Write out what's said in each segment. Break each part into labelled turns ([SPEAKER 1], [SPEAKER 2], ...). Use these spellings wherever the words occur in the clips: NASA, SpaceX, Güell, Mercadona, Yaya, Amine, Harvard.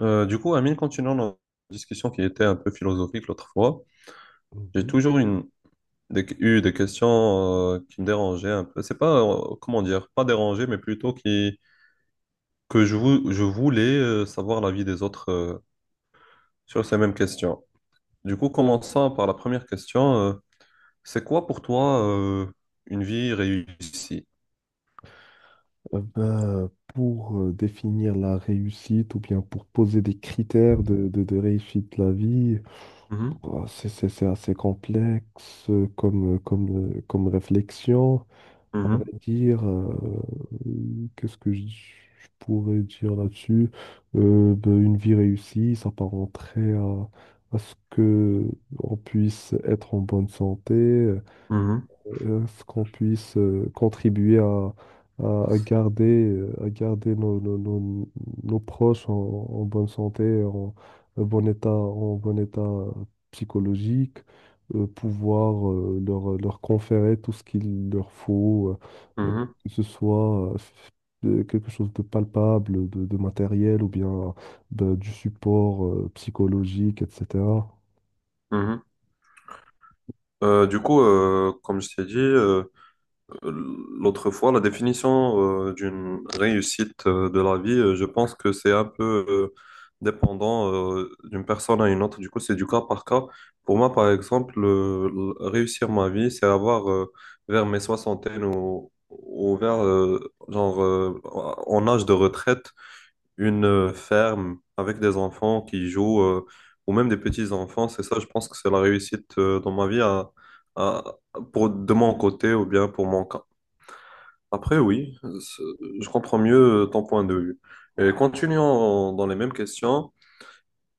[SPEAKER 1] Du coup, Amine, continuant notre discussion qui était un peu philosophique l'autre fois. J'ai
[SPEAKER 2] Mhm.
[SPEAKER 1] toujours une, des- eu des questions, qui me dérangeaient un peu. C'est pas, comment dire, pas dérangé, mais plutôt qui, que je, vou- je voulais, savoir l'avis des autres, sur ces mêmes questions. Du coup, commençant par la première question, c'est quoi pour toi, une vie réussie?
[SPEAKER 2] Ben, pour définir la réussite ou bien pour poser des critères de réussite de la vie,
[SPEAKER 1] Mhm,
[SPEAKER 2] oh, c'est assez complexe comme réflexion. À vrai
[SPEAKER 1] mhm,
[SPEAKER 2] dire, qu'est-ce que je pourrais dire là-dessus? Ben, une vie réussie, ça s'apparenterait à ce que on puisse être en bonne santé,
[SPEAKER 1] mhm,
[SPEAKER 2] qu'on puisse contribuer à garder nos proches en bonne santé, en bon état psychologique, pouvoir leur conférer tout ce qu'il leur faut, euh, euh,
[SPEAKER 1] mhm,
[SPEAKER 2] que ce soit quelque chose de palpable, de matériel ou bien ben, du support psychologique, etc.
[SPEAKER 1] mhm. Du coup, comme je t'ai dit, l'autre fois, la définition, d'une réussite, de la vie, je pense que c'est un peu, dépendant, d'une personne à une autre. Du coup, c'est du cas par cas. Pour moi, par exemple, réussir ma vie, c'est avoir, vers mes soixantaines ou vers, genre, en âge de retraite, une, ferme avec des enfants qui jouent, ou même des petits-enfants. C'est ça, je pense que c'est la réussite, dans ma vie à- de mon côté ou bien pour mon cas. Après, oui, je comprends mieux, ton point de vue. Et continuons dans les mêmes questions.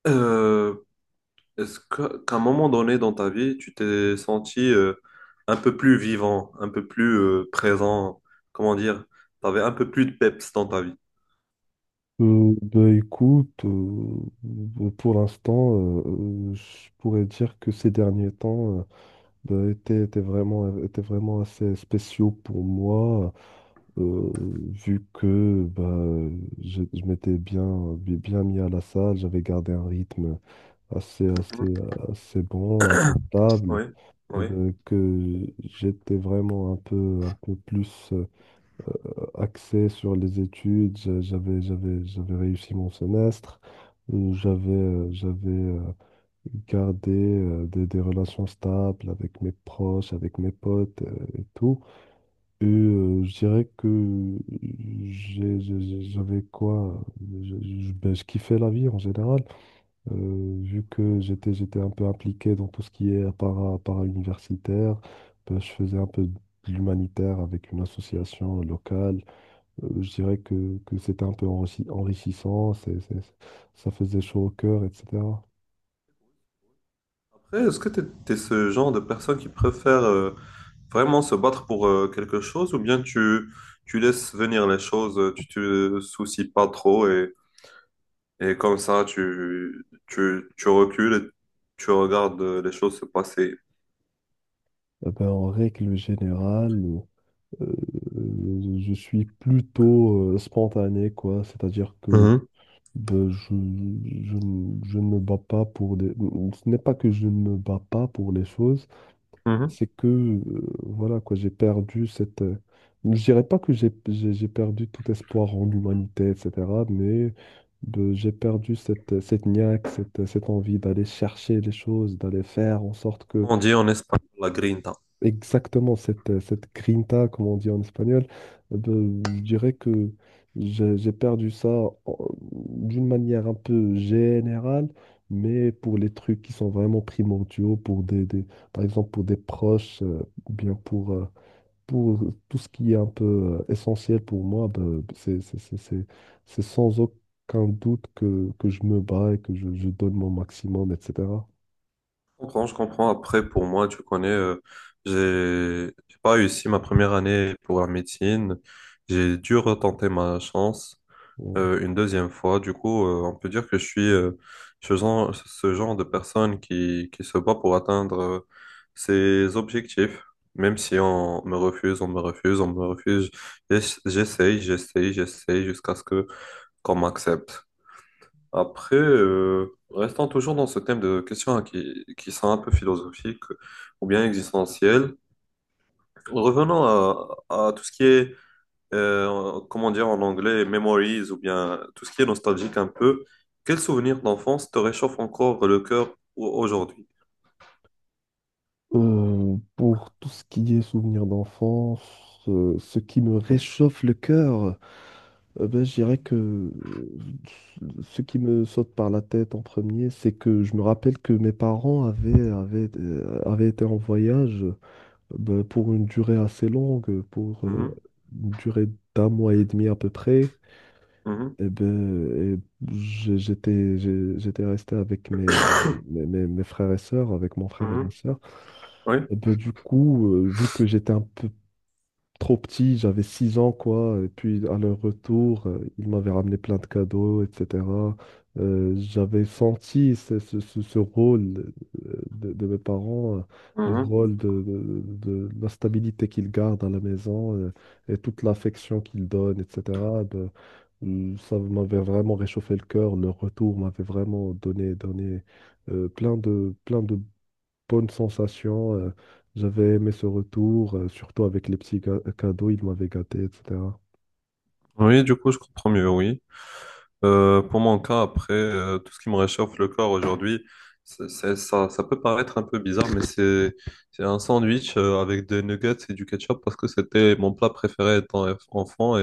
[SPEAKER 1] Euh, Est-ce que, qu'à un moment donné dans ta vie, tu t'es senti, un peu plus vivant, un peu plus, présent, comment dire, tu avais un peu plus de peps dans ta vie?
[SPEAKER 2] Bah, écoute, pour l'instant, je pourrais dire que ces derniers temps bah, étaient vraiment assez spéciaux pour moi, euh, vu que bah, je m'étais bien mis à la salle, j'avais gardé un rythme assez, assez, assez bon, assez stable,
[SPEAKER 1] Oui, oui.
[SPEAKER 2] bah, que j'étais vraiment un peu plus axé sur les études. J'avais réussi mon semestre. J'avais gardé des relations stables avec mes proches, avec mes potes et tout. Et je dirais que j'avais quoi? Ben, je kiffais la vie en général. Vu que j'étais un peu impliqué dans tout ce qui est para-universitaire. Ben, je faisais un peu de l'humanitaire avec une association locale. Je dirais que c'était un peu enrichissant, ça faisait chaud au cœur, etc.
[SPEAKER 1] Après, est-ce que tu es ce genre de personne qui préfère, vraiment se battre pour, quelque chose, ou bien tu laisses venir les choses, tu te soucies pas trop. Et comme ça, tu recules et tu regardes, les choses se passer.
[SPEAKER 2] Eh ben, en règle générale, euh, je suis plutôt spontané, quoi. C'est-à-dire que
[SPEAKER 1] Mhm,
[SPEAKER 2] ben, je ne me bats pas pour des. Ce n'est pas que je ne me bats pas pour les choses,
[SPEAKER 1] mhm.
[SPEAKER 2] c'est que voilà quoi, j'ai perdu cette. Je dirais pas que j'ai perdu tout espoir en l'humanité, etc. Mais j'ai perdu cette niaque, cette envie d'aller chercher les choses, d'aller faire en sorte que
[SPEAKER 1] Comment on dit en espagnol la grinta?
[SPEAKER 2] exactement cette grinta, comme on dit en espagnol, eh ben, je dirais que j'ai perdu ça d'une manière un peu générale, mais pour les trucs qui sont vraiment primordiaux, par exemple pour des proches, ou bien pour tout ce qui est un peu essentiel pour moi, ben, c'est sans aucun doute que je me bats et que je donne mon maximum, etc.
[SPEAKER 1] Je comprends, je comprends. Après, pour moi, tu connais, j'ai pas réussi ma première année pour la médecine. J'ai dû retenter ma chance.
[SPEAKER 2] Ouais.
[SPEAKER 1] Une deuxième fois. Du coup, on peut dire que je suis, ce genre de personne qui se bat pour atteindre, ses objectifs. Même si on me refuse, on me refuse, on me refuse, j'essaye, j'essaye, j'essaye jusqu'à ce que qu'on m'accepte. Après, restant toujours dans ce thème de questions, hein, qui sont un peu philosophiques ou bien existentielles, revenons à tout ce qui est, comment dire en anglais, memories, ou bien tout ce qui est nostalgique un peu, quel souvenir d'enfance te réchauffe encore le cœur aujourd'hui?
[SPEAKER 2] Pour tout ce qui est souvenirs d'enfance, ce qui me réchauffe le cœur, ben, je dirais que ce qui me saute par la tête en premier, c'est que je me rappelle que mes parents avaient été en voyage ben, pour une durée assez longue, pour
[SPEAKER 1] Mhm,
[SPEAKER 2] une durée d'un mois et demi à peu près.
[SPEAKER 1] mhm,
[SPEAKER 2] Et ben, j'étais resté avec mes frères et sœurs, avec mon frère et ma
[SPEAKER 1] mhm,
[SPEAKER 2] sœur.
[SPEAKER 1] oui,
[SPEAKER 2] Et ben du coup, vu que j'étais un peu trop petit, j'avais 6 ans, quoi, et puis à leur retour, ils m'avaient ramené plein de cadeaux, etc. J'avais senti ce rôle de mes parents, le
[SPEAKER 1] mhm.
[SPEAKER 2] rôle de la stabilité qu'ils gardent à la maison et toute l'affection qu'ils donnent, etc. de- Ça m'avait vraiment réchauffé le cœur. Leur retour m'avait vraiment donné plein de bonne sensation. J'avais aimé ce retour, surtout avec les petits cadeaux, ils m'avaient gâté, etc.
[SPEAKER 1] Oui, du coup, je comprends mieux, oui. Pour mon cas, après, tout ce qui me réchauffe le corps aujourd'hui, ça, ça peut paraître un peu bizarre, mais c'est un sandwich, avec des nuggets et du ketchup, parce que c'était mon plat préféré étant enfant.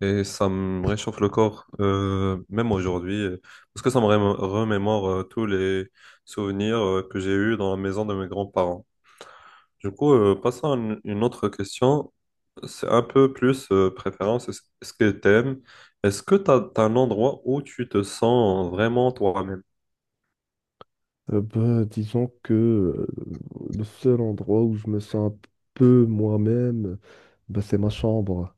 [SPEAKER 1] Et ça me réchauffe le corps, même aujourd'hui, parce que ça me remémore, tous les souvenirs, que j'ai eus dans la maison de mes grands-parents. Du coup, passons à une autre question. C'est un peu plus, préférence. Est-ce que t'aimes? Est-ce que t'as un endroit où tu te sens vraiment toi-même?
[SPEAKER 2] Ben, disons que le seul endroit où je me sens un peu moi-même, ben, c'est ma chambre.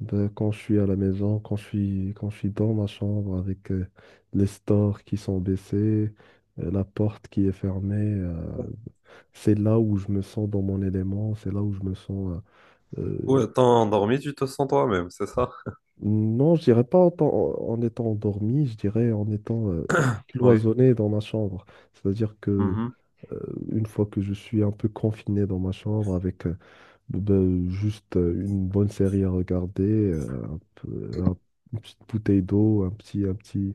[SPEAKER 2] Ben, quand je suis à la maison, quand je suis dans ma chambre avec les stores qui sont baissés, la porte qui est fermée, c'est là où je me sens dans mon élément, c'est là où je me sens.
[SPEAKER 1] Ou
[SPEAKER 2] euh,
[SPEAKER 1] étant endormi, tu te sens toi-même, c'est ça?
[SPEAKER 2] Non, je dirais pas en étant endormi, je dirais en étant
[SPEAKER 1] Oui.
[SPEAKER 2] cloisonné dans ma chambre. C'est-à-dire que
[SPEAKER 1] Mhm.
[SPEAKER 2] euh, une fois que je suis un peu confiné dans ma chambre avec ben, juste une bonne série à regarder, une petite bouteille d'eau, un petit, un petit,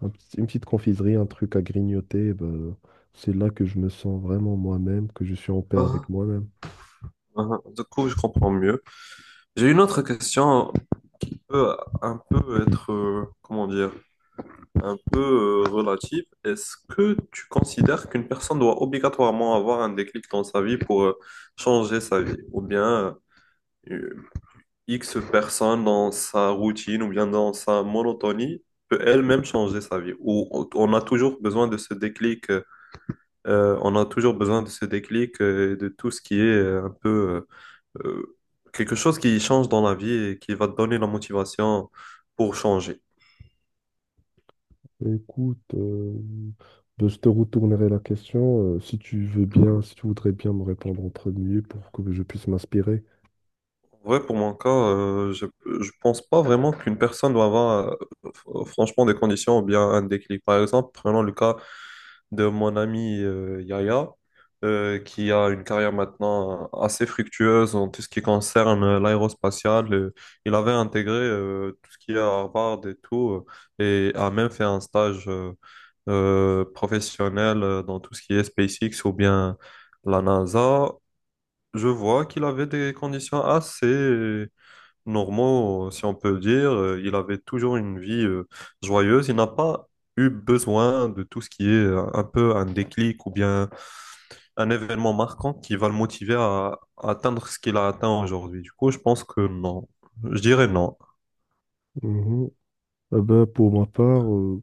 [SPEAKER 2] un petit- une petite confiserie, un truc à grignoter, ben, c'est là que je me sens vraiment moi-même, que je suis en paix
[SPEAKER 1] Mhm.
[SPEAKER 2] avec moi-même.
[SPEAKER 1] Mhm. Du coup, je comprends mieux. J'ai une autre question, peut un peu être, comment dire? Un peu, relative. Est-ce que tu considères qu'une personne doit obligatoirement avoir un déclic dans sa vie pour, changer sa vie? Ou bien euh, X personne dans sa routine ou bien dans sa monotonie peut elle-même changer sa vie? Ou on a toujours besoin de ce déclic, on a toujours besoin de ce déclic, et de tout ce qui est, un peu euh, euh, quelque chose qui change dans la vie et qui va te donner la motivation pour changer.
[SPEAKER 2] Écoute, ben, je te retournerai la question si tu veux bien, si tu voudrais bien me répondre en premier pour que je puisse m'inspirer.
[SPEAKER 1] Ouais, pour mon cas, je pense pas vraiment qu'une personne doit avoir franchement des conditions ou bien un déclic. Par exemple, prenons le cas de mon ami, Yaya, qui a une carrière maintenant assez fructueuse en tout ce qui concerne, l'aérospatiale. Il avait intégré, tout ce qui est à Harvard et tout, et a même fait un stage professionnel, dans tout ce qui est SpaceX ou bien la NASA. Je vois qu'il avait des conditions assez normaux, si on peut dire. Il avait toujours une vie, joyeuse. Il n'a pas eu besoin de tout ce qui est, un peu un déclic ou bien un événement marquant qui va le motiver à atteindre ce qu'il a atteint aujourd'hui. Du coup, je pense que non. Je dirais non.
[SPEAKER 2] Mhm. Ah ben, pour ma part,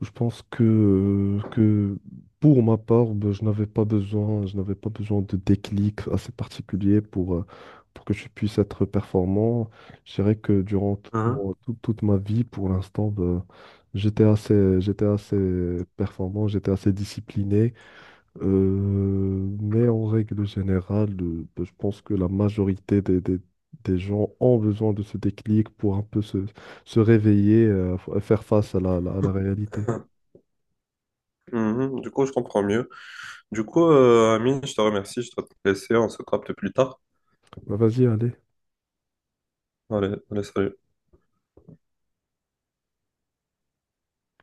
[SPEAKER 2] je pense que pour ma part, ben, je n'avais pas besoin de déclic assez particulier pour que je puisse être performant. Je dirais que durant
[SPEAKER 1] Mhm.
[SPEAKER 2] toute ma vie, pour l'instant, ben, j'étais assez performant, j'étais assez discipliné. Mais en règle générale, je pense que la majorité des gens ont besoin de ce déclic pour un peu se réveiller, faire face à à la réalité.
[SPEAKER 1] Mhm. Du coup, je comprends mieux. Du coup, Amine, je te remercie. Je dois te laisser. On se capte plus tard.
[SPEAKER 2] Bah, vas-y, allez.
[SPEAKER 1] Allez, allez, salut.